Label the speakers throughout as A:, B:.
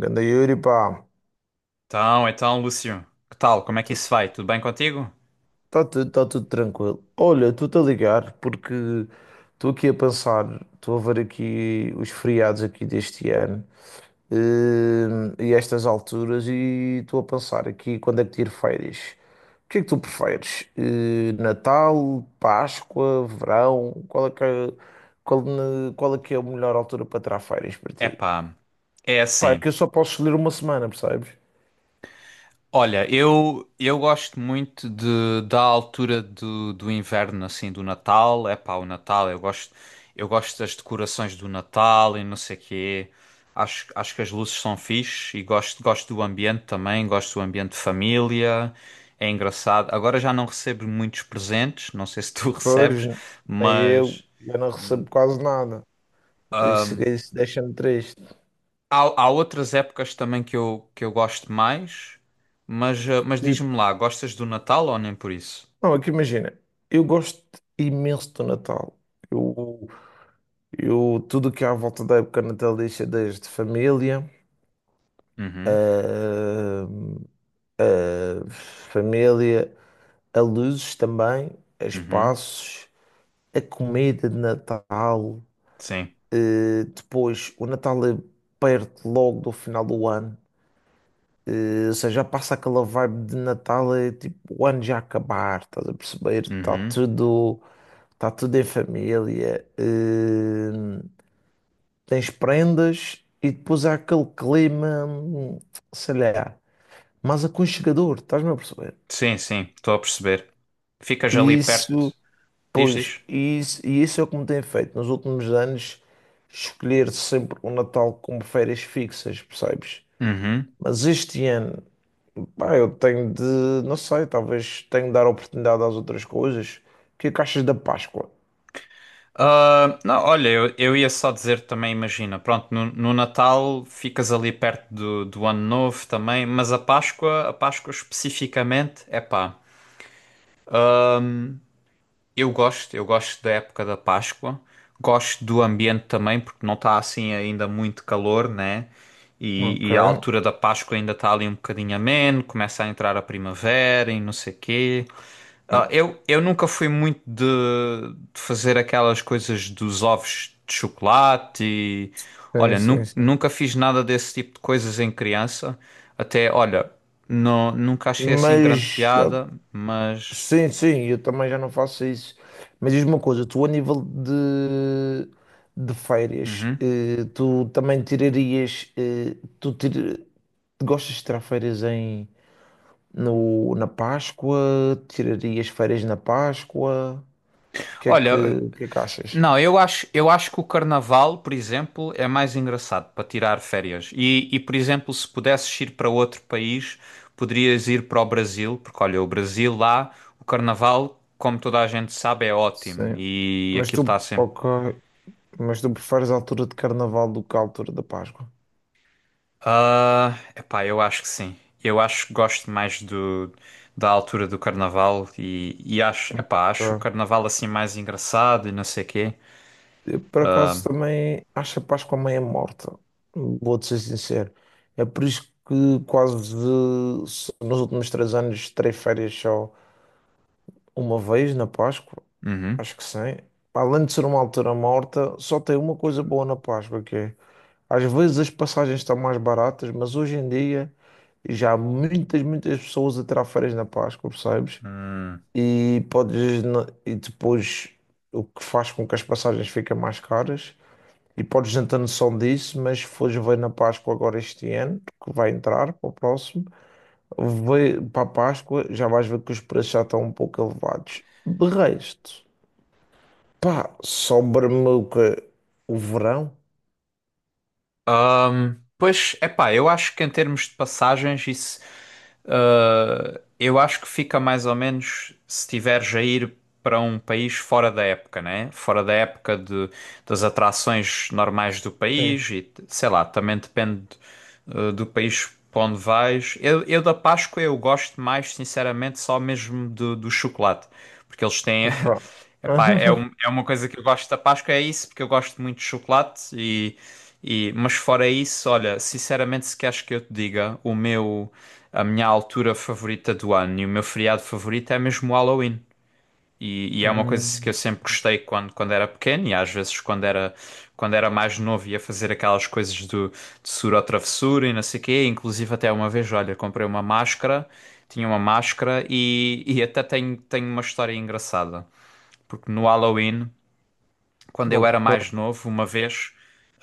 A: Ganda Yuri, pá,
B: Então, Lúcio, que tal? Como é que isso vai? Tudo bem contigo?
A: está tudo, tá tudo tranquilo. Olha, estou-te a ligar porque estou aqui a pensar, estou a ver aqui os feriados aqui deste ano e estas alturas e estou a pensar aqui quando é que tiro férias. O que é que tu preferes? Natal, Páscoa, verão? Qual é que é a melhor altura para tirar férias para ti?
B: Epá, é
A: Pá, é
B: assim.
A: que eu só posso escolher uma semana, percebes?
B: Olha, eu gosto muito da altura do inverno, assim, do Natal. Epá, o Natal, eu gosto das decorações do Natal e não sei quê. Acho que as luzes são fixe e gosto do ambiente também, gosto do ambiente de família. É engraçado. Agora já não recebo muitos presentes, não sei se tu
A: Pois,
B: recebes,
A: nem eu,
B: mas...
A: eu não recebo quase nada. Isso deixa-me triste.
B: Há outras épocas também que eu gosto mais, mas, mas
A: Tipo,
B: diz-me lá, gostas do Natal ou nem por isso?
A: não, é que imagina, eu gosto imenso do Natal. Eu, tudo que há à volta da época natalícia, desde família,
B: Uhum,
A: ah, ah, família, a luzes também, a
B: uhum,
A: espaços, a comida de Natal.
B: sim,
A: Depois, o Natal é perto logo do final do ano. Ou seja, já passa aquela vibe de Natal, é tipo o ano já acabar, estás a perceber?
B: uhum,
A: Está tudo em família. Tens prendas e depois há aquele clima, sei lá, mais aconchegador, estás-me a perceber?
B: sim, sim, estou a perceber. Ficas
A: E
B: ali
A: isso,
B: perto, diz, diz.
A: e isso é o que me tem feito nos últimos anos escolher sempre o Natal como férias fixas, percebes?
B: Uhum.
A: Mas este ano, pá, não sei, talvez tenho de dar oportunidade às outras coisas. O que é que achas da Páscoa?
B: Ah, não, olha, eu ia só dizer também, imagina, pronto, no Natal ficas ali perto do Ano Novo também, mas a Páscoa especificamente, é pá. Eu gosto da época da Páscoa, gosto do ambiente também, porque não está assim ainda muito calor, né?
A: Ok,
B: E a altura da Páscoa ainda está ali um bocadinho ameno, começa a entrar a primavera e não sei quê. Ah, eu nunca fui muito de fazer aquelas coisas dos ovos de chocolate e,
A: sim,
B: olha,
A: sim, sim.
B: nunca fiz nada desse tipo de coisas em criança. Até, olha, não, nunca achei assim grande
A: Mas, eu-
B: piada, mas.
A: sim, sim, eu também já não faço isso. Mas diz-me uma coisa, tu a nível de férias,
B: Uhum.
A: eh, tu também tirarias, eh, tu tir- gostas de tirar férias em, no, na Páscoa? Tirarias férias na Páscoa? O que é que,
B: Olha,
A: o que é que achas?
B: não, eu acho que o carnaval, por exemplo, é mais engraçado para tirar férias. E, por exemplo, se pudesses ir para outro país, poderias ir para o Brasil, porque olha, o Brasil lá, o carnaval, como toda a gente sabe, é ótimo
A: Sim.
B: e
A: Mas
B: aquilo está
A: tu,
B: sempre.
A: ok, mas tu preferes a altura de carnaval do que a altura da Páscoa?
B: Ah, epá, eu acho que sim. Eu acho que gosto mais do, da altura do carnaval e acho, epá, acho o
A: Ok.
B: carnaval assim mais engraçado e não sei quê.
A: Eu, por acaso, também acho a Páscoa meio morta. Vou-te ser sincero. É por isso que quase nos últimos três anos terei férias só. Uma vez na Páscoa,
B: Uhum.
A: acho que sim. Além de ser uma altura morta, só tem uma coisa boa na Páscoa, que é às vezes as passagens estão mais baratas, mas hoje em dia já há muitas pessoas a tirar férias na Páscoa, percebes?
B: Hum.
A: E depois o que faz com que as passagens fiquem mais caras. E podes não ter noção disso, mas se fores ver na Páscoa agora este ano, que vai entrar para o próximo. Vai para a Páscoa, já vais ver que os preços já estão um pouco elevados. De resto, pá, sobra-me o quê? O verão?
B: Pois, epá, eu acho que em termos de passagens, isso, ah, eu acho que fica mais ou menos se tiveres a ir para um país fora da época, né? Fora da época de, das atrações normais do
A: Sim.
B: país e, sei lá, também depende, do país para onde vais. Eu da Páscoa eu gosto mais, sinceramente, só mesmo do chocolate, porque eles têm...
A: Ok.
B: Epá, é, é uma coisa que eu gosto da Páscoa, é isso, porque eu gosto muito de chocolate e... E, mas fora isso, olha, sinceramente, se queres que eu te diga, a minha altura favorita do ano e o meu feriado favorito é mesmo o Halloween. E é uma coisa que
A: Hum,
B: eu sempre gostei quando era pequeno e às vezes quando era mais novo ia fazer aquelas coisas do, de sura ou travessura e não sei o quê. Inclusive até uma vez, olha, comprei uma máscara, tinha uma máscara e até tenho, tenho uma história engraçada. Porque no Halloween quando eu era
A: ok.
B: mais novo, uma vez,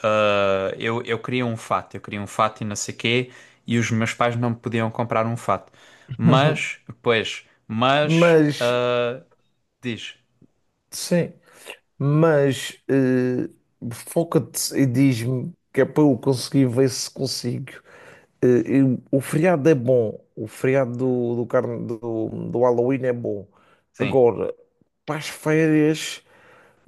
B: eu queria um fato, eu queria um fato e não sei quê, e os meus pais não me podiam comprar um fato. Mas, pois, mas,
A: Mas,
B: diz,
A: sim, mas foca-te e diz-me que é para eu conseguir ver se consigo. O feriado é bom, o feriado do Halloween é bom.
B: sim,
A: Agora, para as férias.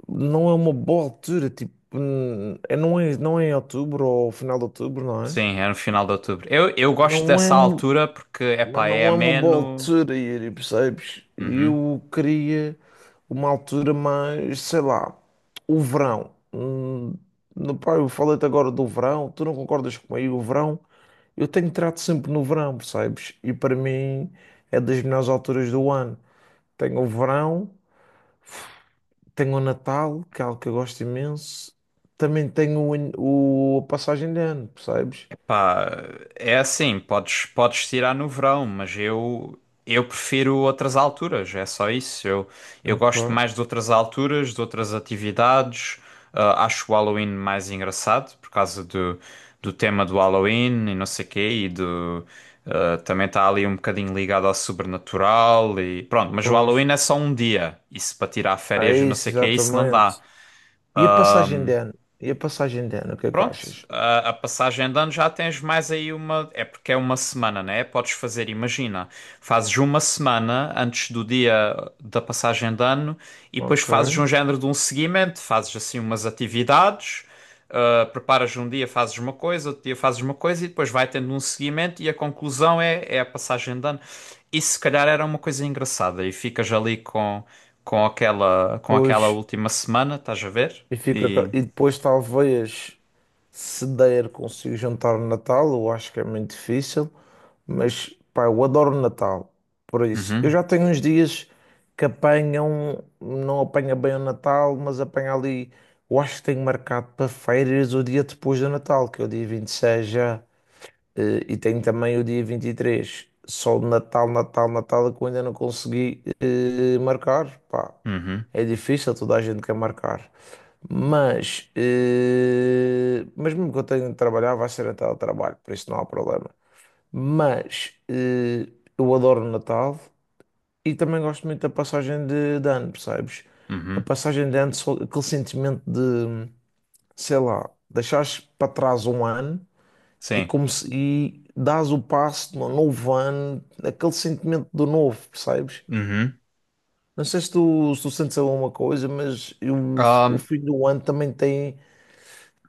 A: Não é uma boa altura, tipo, não é, não é em outubro ou final de outubro, não é?
B: sim, é no final de outubro. Eu gosto
A: Não é,
B: dessa
A: um-
B: altura porque,
A: mas
B: epá, é
A: não é uma boa
B: ameno.
A: altura, Yuri, percebes?
B: Uhum.
A: Eu queria uma altura mais, sei lá, o verão. Pá, eu falei-te agora do verão, tu não concordas comigo? O verão, eu tenho trato sempre no verão, percebes? E para mim é das melhores alturas do ano. Tenho o verão. Tenho o Natal, que é algo que eu gosto imenso. Também tenho a passagem de ano, percebes?
B: Pá, é assim, podes tirar no verão, mas eu prefiro outras alturas, é só isso. Eu
A: Ok,
B: gosto mais de outras alturas, de outras atividades. Ah, acho o Halloween mais engraçado por causa do tema do Halloween e não sei quê, também está ali um bocadinho ligado ao sobrenatural e pronto, mas o
A: pois.
B: Halloween é só um dia. Isso para tirar
A: É
B: férias e não
A: isso,
B: sei quê, isso não dá.
A: exatamente. E a passagem de ano? E a passagem de ano, o que é que
B: Pronto,
A: achas?
B: a passagem de ano já tens mais aí uma. É porque é uma semana, né? Podes fazer, imagina, fazes uma semana antes do dia da passagem de ano e depois
A: Ok.
B: fazes um género de um seguimento, fazes assim umas atividades, preparas um dia, fazes uma coisa, outro dia fazes uma coisa e depois vai tendo um seguimento e a conclusão é a passagem de ano. Isso se calhar era uma coisa engraçada e ficas ali com aquela
A: Pois,
B: última semana, estás a ver? E.
A: e depois talvez se der consigo juntar o Natal, eu acho que é muito difícil. Mas pá, eu adoro o Natal. Por isso, eu
B: Uhum,
A: já tenho uns dias que apanham, não apanha bem o Natal, mas apanha ali. Eu acho que tenho marcado para férias o dia depois do Natal, que é o dia 26 já, e tenho também o dia 23. Só o Natal, Natal, Natal, é que eu ainda não consegui marcar. Pá,
B: uhum.
A: é difícil, toda a gente quer marcar. Mas mesmo que eu tenha de trabalhar, vai ser até o trabalho, por isso não há problema. Mas eh, eu adoro o Natal e também gosto muito da passagem de ano, percebes? A
B: Uhum,
A: passagem de ano, só aquele sentimento de, sei lá, deixares para trás um ano e,
B: sim.
A: como se, e dás o passo de um novo ano, aquele sentimento do novo, percebes?
B: Uhum.
A: Não sei se tu, se tu sentes alguma coisa, mas o
B: Ahm,
A: fim do ano também tem,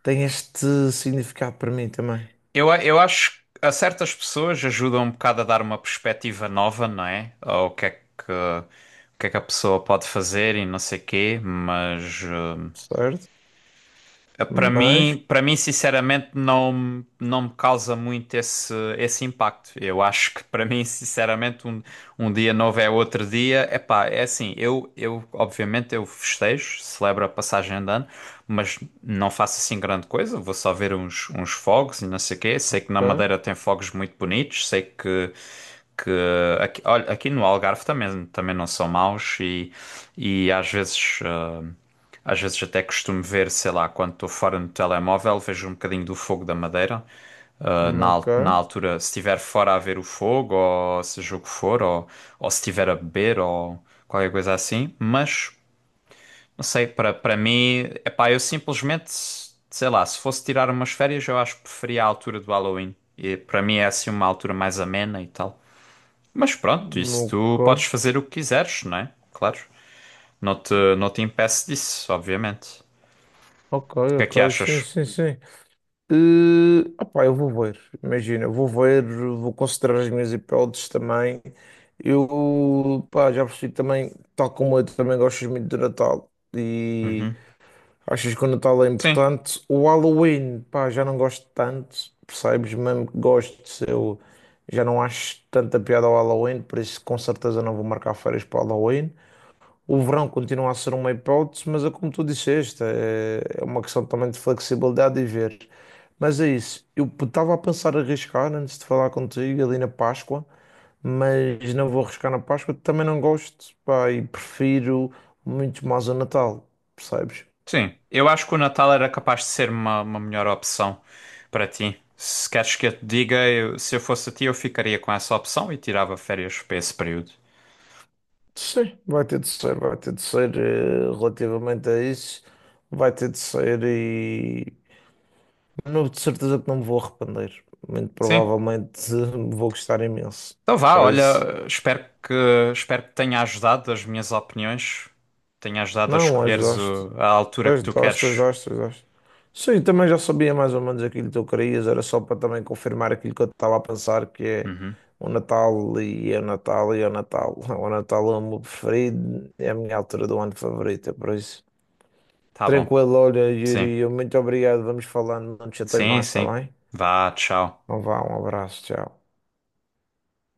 A: tem este significado para mim também,
B: eu acho que a certas pessoas ajuda um bocado a dar uma perspectiva nova, não é? Ao que é que, o que é que a pessoa pode fazer e não sei quê, mas
A: certo? Mas,
B: para mim, sinceramente, não me causa muito esse impacto. Eu acho que para mim, sinceramente, um dia novo é outro dia. Epá, é assim, eu obviamente eu festejo, celebro a passagem de ano, mas não faço assim grande coisa. Vou só ver uns fogos e não sei o quê. Sei que na
A: ok,
B: Madeira tem fogos muito bonitos. Que aqui, olha, aqui no Algarve também, também não são maus e às vezes. Às vezes até costumo ver, sei lá, quando estou fora no telemóvel, vejo um bocadinho do fogo da Madeira.
A: ok,
B: Na altura, se estiver fora a ver o fogo, ou seja o que for, ou se estiver a beber, ou qualquer coisa assim. Mas não sei, para mim, epá, eu simplesmente, sei lá, se fosse tirar umas férias, eu acho que preferia a altura do Halloween. E para mim é assim uma altura mais amena e tal. Mas pronto, isso tu
A: ok.
B: podes fazer o que quiseres, não é? Claro. Não te impeço disso, obviamente. O
A: Ok,
B: que é que
A: ok, sim,
B: achas?
A: sim, sim. Opá, eu vou ver, vou considerar as minhas hipóteses também. Eu, pá, já percebi também, tal como eu também gosto muito do Natal e
B: Uhum.
A: achas que o Natal é
B: Sim,
A: importante. O Halloween, pá, já não gosto tanto, percebes? Mesmo que gosto, eu já não acho tanta piada ao Halloween, por isso com certeza não vou marcar férias para o Halloween. O verão continua a ser uma hipótese, mas é como tu disseste, é uma questão também de flexibilidade e ver. Mas é isso. Eu estava a pensar em arriscar antes de falar contigo ali na Páscoa, mas não vou arriscar na Páscoa, também não gosto, pá, e prefiro muito mais o Natal, percebes?
B: sim. Eu acho que o Natal era capaz de ser uma melhor opção para ti. Se queres que eu te diga, se eu fosse a ti, eu ficaria com essa opção e tirava férias para esse período.
A: Sim, vai ter de ser, relativamente a isso, vai ter de ser e. Não, de certeza que não me vou arrepender. Muito
B: Sim.
A: provavelmente vou gostar imenso.
B: Então vá,
A: Para isso.
B: olha, espero que tenha ajudado as minhas opiniões, tenha ajudado a
A: Não, as
B: escolheres
A: dosto.
B: a altura que
A: As
B: tu
A: dosto, as
B: queres.
A: dosto, as dosto. Sim, também já sabia mais ou menos aquilo que tu querias. Era só para também confirmar aquilo que eu estava a pensar, que é
B: Uhum,
A: o Natal e é o Natal e é o Natal. O Natal é o meu preferido. É a minha altura do ano favorita, é por isso.
B: tá bom.
A: Tranquilo, olha,
B: Sim,
A: Yuri, eu muito obrigado. Vamos falando, não te chatei
B: sim,
A: mais, está
B: sim.
A: bem?
B: Vá, tchau.
A: Então vá, um abraço, tchau.